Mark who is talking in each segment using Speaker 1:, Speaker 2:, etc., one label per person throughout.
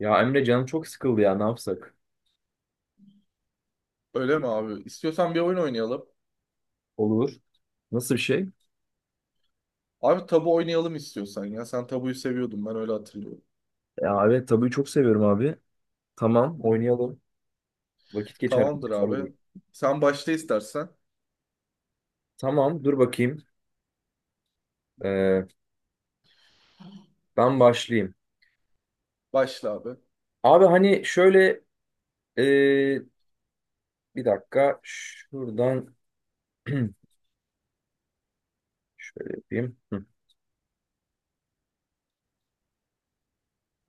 Speaker 1: Ya Emre canım çok sıkıldı ya, ne yapsak?
Speaker 2: Öyle mi abi? İstiyorsan bir oyun oynayalım.
Speaker 1: Olur. Nasıl bir şey?
Speaker 2: Abi, tabu oynayalım istiyorsan ya. Sen tabuyu seviyordun, ben öyle hatırlıyorum.
Speaker 1: Ya evet tabii çok seviyorum abi. Tamam
Speaker 2: Hı hı.
Speaker 1: oynayalım. Vakit geçer.
Speaker 2: Tamamdır
Speaker 1: Güzel
Speaker 2: abi.
Speaker 1: olur.
Speaker 2: Sen başla istersen.
Speaker 1: Tamam dur bakayım. Ee, Ben başlayayım.
Speaker 2: Başla abi.
Speaker 1: Abi hani şöyle ee, bir dakika şuradan şöyle yapayım. Hı,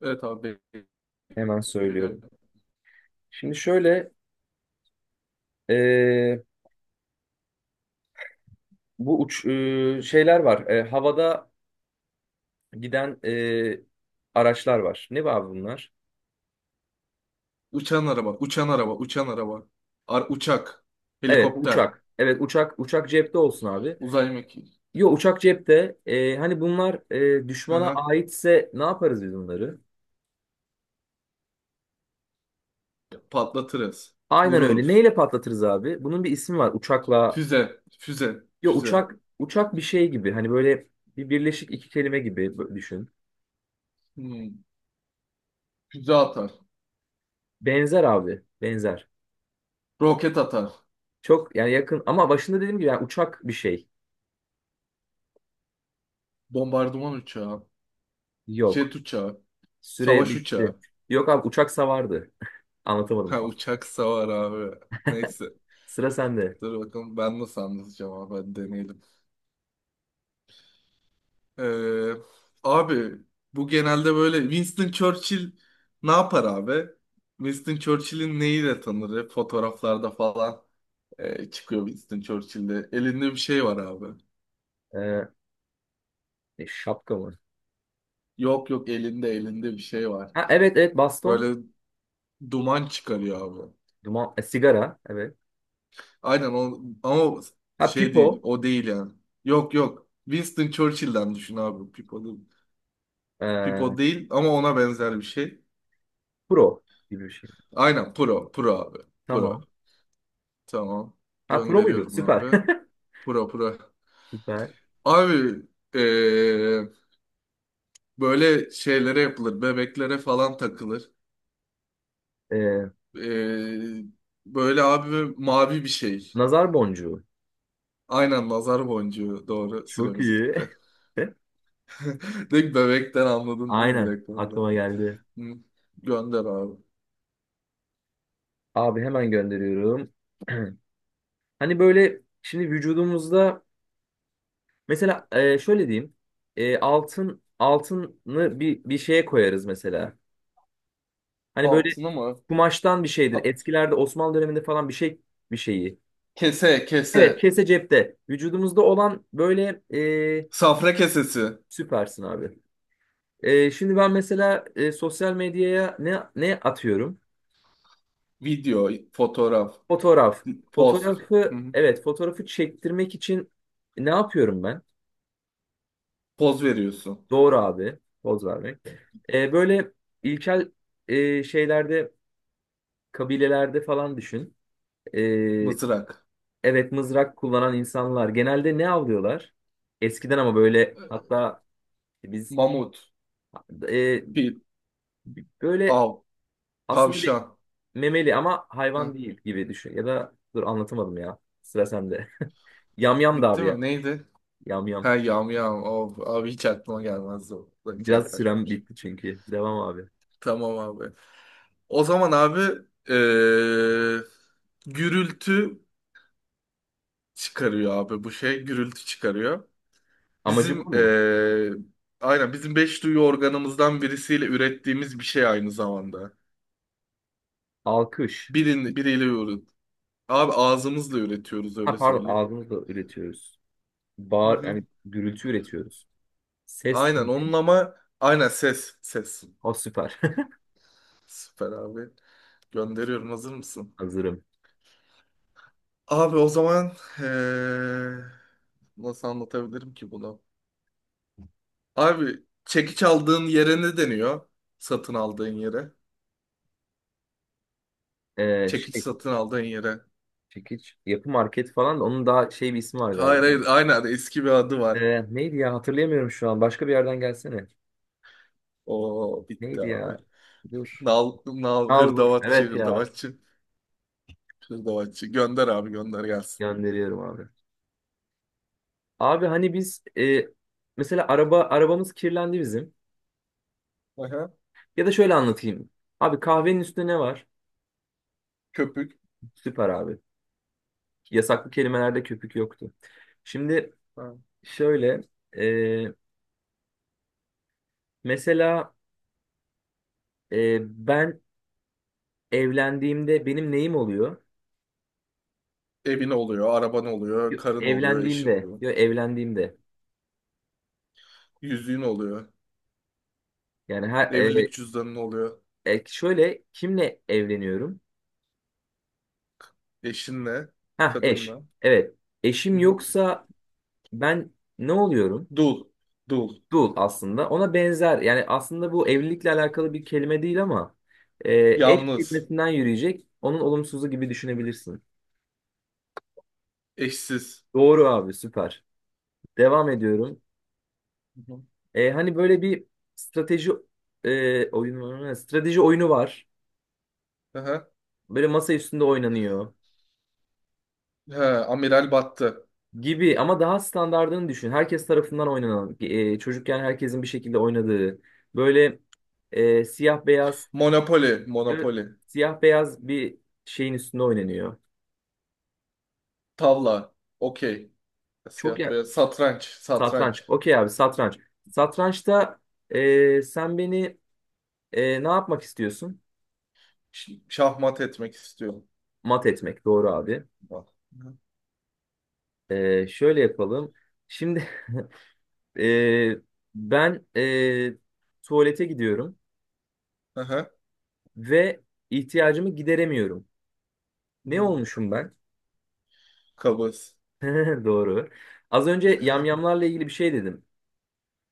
Speaker 2: Evet abi.
Speaker 1: hemen
Speaker 2: Bekliyorum.
Speaker 1: söylüyorum. Şimdi şöyle ee, bu uç şeyler var. Havada giden araçlar var. Ne var bunlar?
Speaker 2: Uçan araba, uçan araba, uçan araba. Uçak,
Speaker 1: Evet
Speaker 2: helikopter,
Speaker 1: uçak. Evet uçak, uçak cepte olsun abi.
Speaker 2: uzay mekiği.
Speaker 1: Yo uçak cepte. Hani bunlar
Speaker 2: Hı
Speaker 1: düşmana
Speaker 2: hı.
Speaker 1: aitse ne yaparız biz bunları?
Speaker 2: Patlatırız.
Speaker 1: Aynen öyle.
Speaker 2: Vururuz.
Speaker 1: Neyle patlatırız abi? Bunun bir ismi var. Uçakla.
Speaker 2: Füze, füze,
Speaker 1: Yo
Speaker 2: füze.
Speaker 1: uçak, uçak bir şey gibi. Hani böyle bir birleşik iki kelime gibi düşün.
Speaker 2: Hmm. Füze atar.
Speaker 1: Benzer abi. Benzer.
Speaker 2: Roket atar.
Speaker 1: Çok yani yakın ama başında dediğim gibi yani uçak bir şey.
Speaker 2: Bombardıman uçağı.
Speaker 1: Yok.
Speaker 2: Jet uçağı.
Speaker 1: Süre
Speaker 2: Savaş
Speaker 1: bitti.
Speaker 2: uçağı.
Speaker 1: Yok abi, uçak savardı. Anlatamadım
Speaker 2: Ha,
Speaker 1: tam.
Speaker 2: uçak savar abi. Neyse.
Speaker 1: Sıra sende.
Speaker 2: Dur bakalım, ben nasıl anlatacağım abi, hadi deneyelim. Ee, Abi, bu genelde böyle Winston Churchill ne yapar abi? Winston Churchill'in neyiyle tanır? Hep fotoğraflarda falan çıkıyor Winston Churchill'de. Elinde bir şey var abi.
Speaker 1: Ee, Şapka mı?
Speaker 2: Yok yok, elinde bir şey var.
Speaker 1: Ha evet, evet, baston.
Speaker 2: Böyle duman çıkarıyor abi.
Speaker 1: Duman, sigara. Evet.
Speaker 2: Aynen o, ama
Speaker 1: Ha,
Speaker 2: şey
Speaker 1: pipo.
Speaker 2: değil, o değil yani. Yok yok, Winston Churchill'den düşün abi. Pipalı.
Speaker 1: Ee,
Speaker 2: Pipo değil, ama ona benzer bir şey.
Speaker 1: Pro gibi bir şey.
Speaker 2: Aynen Pro. Pro abi. Pro.
Speaker 1: Tamam.
Speaker 2: Tamam.
Speaker 1: Ha pro muydu?
Speaker 2: Gönderiyorum
Speaker 1: Süper.
Speaker 2: abi. Pro Pro.
Speaker 1: Süper.
Speaker 2: Abi, eee, böyle şeylere yapılır. Bebeklere falan takılır.
Speaker 1: Ee,
Speaker 2: Eee, Böyle abi, mavi bir şey.
Speaker 1: Nazar boncuğu.
Speaker 2: Aynen nazar boncuğu. Doğru.
Speaker 1: Çok
Speaker 2: Süremiz
Speaker 1: iyi.
Speaker 2: bitti. Direkt bebekten anladın değil mi
Speaker 1: Aynen.
Speaker 2: direkt orada?
Speaker 1: Aklıma geldi.
Speaker 2: Hı. Gönder abi.
Speaker 1: Abi hemen gönderiyorum. Hani böyle şimdi vücudumuzda mesela şöyle diyeyim. E, altını bir şeye koyarız mesela. Hani böyle
Speaker 2: Altını mı?
Speaker 1: kumaştan bir şeydir.
Speaker 2: Ha-
Speaker 1: Eskilerde Osmanlı döneminde falan bir şey bir şeyi.
Speaker 2: Kese
Speaker 1: Evet,
Speaker 2: kese.
Speaker 1: kese cepte. Vücudumuzda olan böyle e,
Speaker 2: Safra kesesi.
Speaker 1: süpersin abi. Şimdi ben mesela sosyal medyaya ne atıyorum?
Speaker 2: Video, fotoğraf.
Speaker 1: Fotoğraf.
Speaker 2: Poz. Hı
Speaker 1: Fotoğrafı,
Speaker 2: hı.
Speaker 1: evet, fotoğrafı çektirmek için ne yapıyorum ben?
Speaker 2: Poz veriyorsun.
Speaker 1: Doğru abi. Poz vermek. Böyle ilkel şeylerde, kabilelerde falan düşün. Ee,
Speaker 2: Mızrak.
Speaker 1: evet, mızrak kullanan insanlar genelde ne avlıyorlar? Eskiden ama böyle, hatta biz
Speaker 2: Mamut.
Speaker 1: e,
Speaker 2: Fil.
Speaker 1: böyle
Speaker 2: Av.
Speaker 1: aslında
Speaker 2: Tavşan.
Speaker 1: memeli ama hayvan
Speaker 2: Ha,
Speaker 1: değil gibi düşün. Ya da dur, anlatamadım ya. Sıra sende. Yamyam da
Speaker 2: bitti
Speaker 1: abi ya.
Speaker 2: mi? Neydi?
Speaker 1: Yamyam.
Speaker 2: Ha, yamyam. Of, abi hiç aklıma gelmezdi o. Ulan, hiç
Speaker 1: Biraz sürem
Speaker 2: yaklaşmamış.
Speaker 1: bitti çünkü. Devam abi.
Speaker 2: Tamam abi. O zaman abi, eee, gürültü çıkarıyor abi bu şey. Gürültü çıkarıyor.
Speaker 1: Amacı
Speaker 2: Bizim,
Speaker 1: bu mu?
Speaker 2: aynen bizim beş duyu organımızdan birisiyle ürettiğimiz bir şey aynı zamanda.
Speaker 1: Alkış.
Speaker 2: Birin, biriyle Abi, ağzımızla üretiyoruz,
Speaker 1: Ha
Speaker 2: öyle
Speaker 1: pardon,
Speaker 2: söyleyeyim.
Speaker 1: ağzımızla üretiyoruz.
Speaker 2: Hı
Speaker 1: Bağır,
Speaker 2: hı.
Speaker 1: yani gürültü üretiyoruz. Ses
Speaker 2: Aynen
Speaker 1: değil.
Speaker 2: onun, ama aynen ses, ses.
Speaker 1: O süper.
Speaker 2: Süper abi. Gönderiyorum, hazır mısın?
Speaker 1: Hazırım.
Speaker 2: Abi o zaman, eee, nasıl anlatabilirim ki bunu? Abi, çekiç aldığın yere ne deniyor? Satın aldığın yere. Çekiç
Speaker 1: Şey,
Speaker 2: satın aldığın yere.
Speaker 1: çekiç yapı market falan, da onun daha şey bir ismi var
Speaker 2: Hayır
Speaker 1: galiba.
Speaker 2: hayır, aynen eski bir adı var.
Speaker 1: Neydi ya, hatırlayamıyorum şu an. Başka bir yerden gelsene.
Speaker 2: O bitti
Speaker 1: Neydi
Speaker 2: abi.
Speaker 1: ya? Dur.
Speaker 2: Nal, nal,
Speaker 1: Al vur.
Speaker 2: hırdavatçı,
Speaker 1: Evet ya.
Speaker 2: hırdavatçı, hırdavatçı. Gönder abi, gönder gelsin.
Speaker 1: Gönderiyorum abi. Abi hani biz, mesela arabamız kirlendi bizim.
Speaker 2: Aha,
Speaker 1: Ya da şöyle anlatayım. Abi kahvenin üstünde ne var?
Speaker 2: köpük.
Speaker 1: Süper abi. Yasaklı kelimelerde köpük yoktu. Şimdi
Speaker 2: Ha.
Speaker 1: şöyle e, mesela e, ben evlendiğimde benim neyim oluyor?
Speaker 2: Evin oluyor, araban
Speaker 1: Yo,
Speaker 2: oluyor, karın oluyor, eşin
Speaker 1: evlendiğimde,
Speaker 2: oluyor.
Speaker 1: yo, evlendiğimde.
Speaker 2: Yüzüğün oluyor.
Speaker 1: Yani her
Speaker 2: Evlilik cüzdanın oluyor.
Speaker 1: şöyle kimle evleniyorum?
Speaker 2: Eşinle,
Speaker 1: Ha, eş.
Speaker 2: kadınla.
Speaker 1: Evet.
Speaker 2: Hı
Speaker 1: Eşim
Speaker 2: hı.
Speaker 1: yoksa ben ne oluyorum?
Speaker 2: Dul, dul.
Speaker 1: Dul aslında. Ona benzer. Yani aslında bu evlilikle alakalı bir kelime değil ama e, eş
Speaker 2: Yalnız,
Speaker 1: kelimesinden yürüyecek. Onun olumsuzu gibi düşünebilirsin.
Speaker 2: eşsiz.
Speaker 1: Doğru abi, süper. Devam ediyorum.
Speaker 2: Hı hı.
Speaker 1: E, hani böyle bir strateji oyunu, strateji oyunu var.
Speaker 2: Aha.
Speaker 1: Böyle masa üstünde oynanıyor
Speaker 2: He, amiral battı.
Speaker 1: gibi ama daha standardını düşün. Herkes tarafından oynanan, çocukken herkesin bir şekilde oynadığı böyle siyah beyaz,
Speaker 2: Monopoli,
Speaker 1: e,
Speaker 2: monopoli.
Speaker 1: siyah beyaz bir şeyin üstünde oynanıyor.
Speaker 2: Tavla, okey.
Speaker 1: Çok
Speaker 2: Siyah beyaz. Satranç,
Speaker 1: satranç.
Speaker 2: satranç.
Speaker 1: Okey abi, satranç. Satrançta sen beni ne yapmak istiyorsun?
Speaker 2: Şahmat etmek istiyorum.
Speaker 1: Mat etmek. Doğru abi.
Speaker 2: Bak.
Speaker 1: E, şöyle yapalım. Şimdi e, ben tuvalete gidiyorum
Speaker 2: Hı hı.
Speaker 1: ve ihtiyacımı gideremiyorum.
Speaker 2: Hı
Speaker 1: Ne
Speaker 2: hı.
Speaker 1: olmuşum ben?
Speaker 2: Kabız.
Speaker 1: Doğru. Az önce yamyamlarla ilgili bir şey dedim.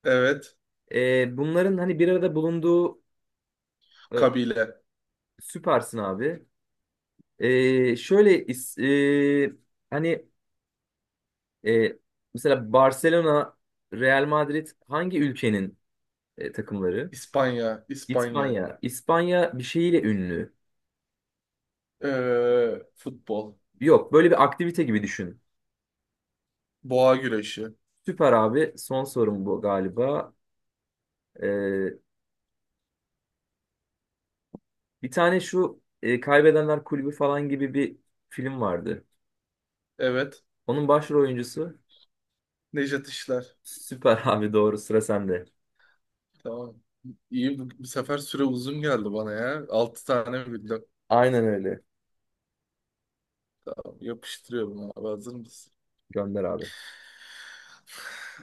Speaker 2: Evet.
Speaker 1: E, bunların hani bir arada bulunduğu e,
Speaker 2: Kabile.
Speaker 1: süpersin abi. E, şöyle is- e, hani E, Mesela Barcelona, Real Madrid hangi ülkenin takımları?
Speaker 2: İspanya, İspanya.
Speaker 1: İspanya. İspanya bir şeyiyle ünlü.
Speaker 2: Futbol.
Speaker 1: Yok, böyle bir aktivite gibi düşün.
Speaker 2: Boğa güreşi.
Speaker 1: Süper abi. Son sorum bu galiba. E, bir tane şu Kaybedenler Kulübü falan gibi bir film vardı.
Speaker 2: Evet.
Speaker 1: Onun başrol oyuncusu.
Speaker 2: Nejat İşler.
Speaker 1: Süper abi, doğru, sıra sende.
Speaker 2: Tamam. İyi, bu sefer süre uzun geldi bana ya. 6 tane bildim.
Speaker 1: Aynen öyle.
Speaker 2: Tamam, yapıştırıyorum abi. Hazır mısın?
Speaker 1: Gönder abi.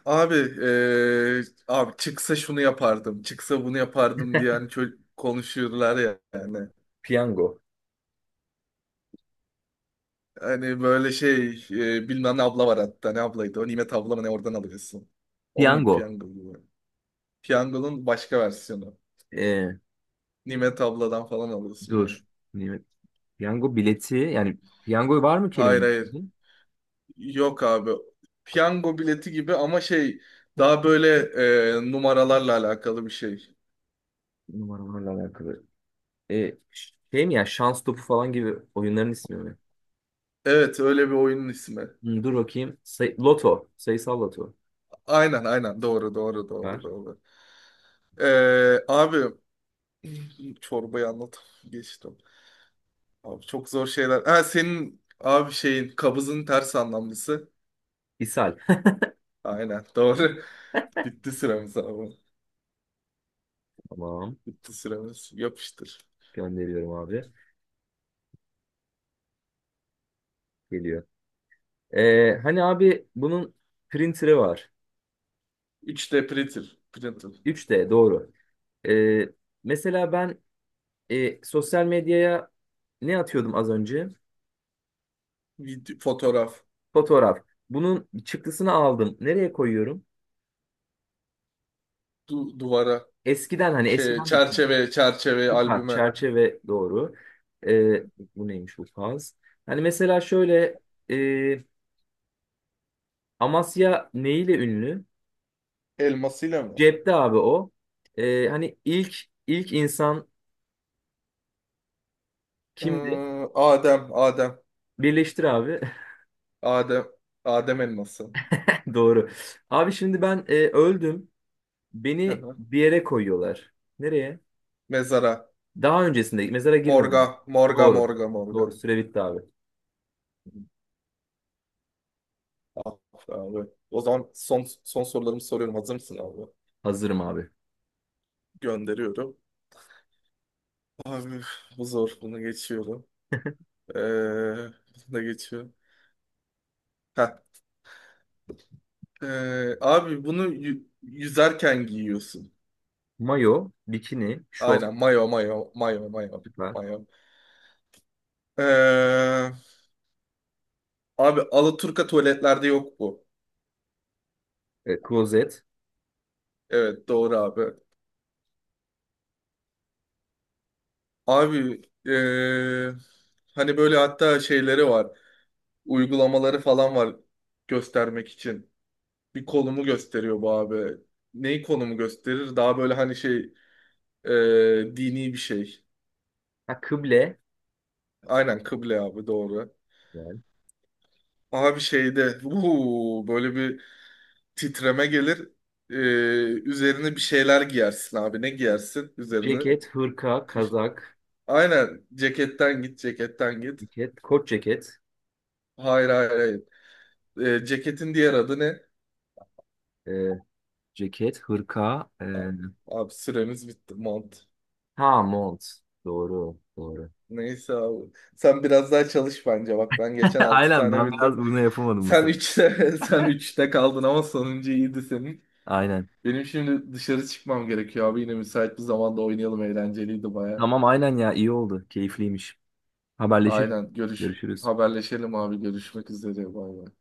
Speaker 2: Abi, eee, abi, çıksa şunu yapardım. Çıksa bunu yapardım diye hani konuşuyorlar ya yani.
Speaker 1: Piyango.
Speaker 2: Hani böyle şey, bilmem ne abla var hatta. Ne ablaydı? O Nimet abla mı ne, oradan alıyorsun. Onun gibi,
Speaker 1: Piyango.
Speaker 2: piyango gibi. Piyangonun başka versiyonu.
Speaker 1: E,
Speaker 2: Nimet abladan falan alıyorsun yani.
Speaker 1: dur. Nimet. Piyango bileti, yani piyango var mı
Speaker 2: Hayır
Speaker 1: kelimenin
Speaker 2: hayır.
Speaker 1: içinde?
Speaker 2: Yok abi. Piyango bileti gibi, ama şey, daha böyle, numaralarla alakalı bir şey.
Speaker 1: Numaralarla alakalı. E, şey mi ya, şans topu falan gibi oyunların ismi mi?
Speaker 2: Evet, öyle bir oyunun ismi.
Speaker 1: Hmm, dur bakayım. Say- loto. Sayısal loto.
Speaker 2: Aynen aynen, doğru doğru doğru
Speaker 1: Var.
Speaker 2: doğru. E, Abi, çorbayı anlat, geçtim. Abi, çok zor şeyler. Ha senin abi şeyin, kabızın ters anlamlısı.
Speaker 1: İshal.
Speaker 2: Aynen doğru. Bitti süremiz abi.
Speaker 1: Tamam.
Speaker 2: Bitti süremiz. Yapıştır.
Speaker 1: Gönderiyorum abi. Geliyor. E, hani abi bunun printer'ı var.
Speaker 2: 3D printer. Printer.
Speaker 1: 3D doğru. E, Mesela ben sosyal medyaya ne atıyordum az önce?
Speaker 2: Fotoğraf.
Speaker 1: Fotoğraf. Bunun çıktısını aldım. Nereye koyuyorum?
Speaker 2: Duvara.
Speaker 1: Eskiden, hani
Speaker 2: Şey,
Speaker 1: eskiden düşün.
Speaker 2: çerçeve, çerçeve
Speaker 1: Süper.
Speaker 2: albüme.
Speaker 1: Çerçeve, doğru. Ee, Bu neymiş, bu faz? Hani mesela şöyle e, Amasya neyle ünlü?
Speaker 2: Elmasıyla mı?
Speaker 1: Cepte abi o. Hani ilk insan kimdi?
Speaker 2: Ee, Adem, Adem,
Speaker 1: Birleştir abi.
Speaker 2: Adem, Adem elması.
Speaker 1: Doğru. Abi şimdi ben öldüm.
Speaker 2: Hı
Speaker 1: Beni
Speaker 2: hı.
Speaker 1: bir yere koyuyorlar. Nereye?
Speaker 2: Mezara.
Speaker 1: Daha öncesinde mezara
Speaker 2: Morga,
Speaker 1: girmedim.
Speaker 2: morga,
Speaker 1: Doğru.
Speaker 2: morga,
Speaker 1: Doğru.
Speaker 2: morga.
Speaker 1: Süre bitti abi.
Speaker 2: Ah, abi. O zaman son sorularımı soruyorum. Hazır mısın abi?
Speaker 1: Hazırım abi.
Speaker 2: Gönderiyorum. Abi, bu zor. Bunu geçiyorum. Ee, Bunu da geçiyorum. Heh. Abi, bunu yüzerken giyiyorsun.
Speaker 1: Mayo, bikini, şort,
Speaker 2: Aynen. Mayo, mayo, mayo, mayo,
Speaker 1: süper.
Speaker 2: mayo. Ee, Abi, alaturka tuvaletlerde yok bu.
Speaker 1: E, klozet,
Speaker 2: Evet, doğru abi. Abi, hani böyle hatta şeyleri var. Uygulamaları falan var göstermek için. Bir konumu gösteriyor bu abi. Neyi konumu gösterir? Daha böyle, hani şey, dini bir şey.
Speaker 1: ha, kıble.
Speaker 2: Aynen kıble abi, doğru. Abi, şeyde böyle bir titreme gelir. Eee, Üzerine bir şeyler giyersin abi. Ne giyersin üzerine?
Speaker 1: Ceket, hırka,
Speaker 2: Kış.
Speaker 1: kazak,
Speaker 2: Aynen, ceketten git, ceketten git.
Speaker 1: ceket, kot ceket,
Speaker 2: Hayır hayır hayır. Ceketin diğer adı ne?
Speaker 1: e, ceket, hırka,
Speaker 2: Tamam. Abi, süremiz bitti. Mont.
Speaker 1: ha mont. Doğru, doğru.
Speaker 2: Neyse abi. Sen biraz daha çalış bence. Bak, ben geçen 6
Speaker 1: Aynen,
Speaker 2: tane
Speaker 1: ben biraz
Speaker 2: bildim.
Speaker 1: bunu yapamadım bu
Speaker 2: Sen
Speaker 1: sefer.
Speaker 2: 3'te sen 3'te kaldın, ama sonuncu iyiydi senin.
Speaker 1: Aynen.
Speaker 2: Benim şimdi dışarı çıkmam gerekiyor abi. Yine müsait bir zamanda oynayalım. Eğlenceliydi baya.
Speaker 1: Tamam aynen ya, iyi oldu. Keyifliymiş. Haberleşiriz.
Speaker 2: Aynen. Görüş,
Speaker 1: Görüşürüz.
Speaker 2: haberleşelim abi. Görüşmek üzere. Bay bay.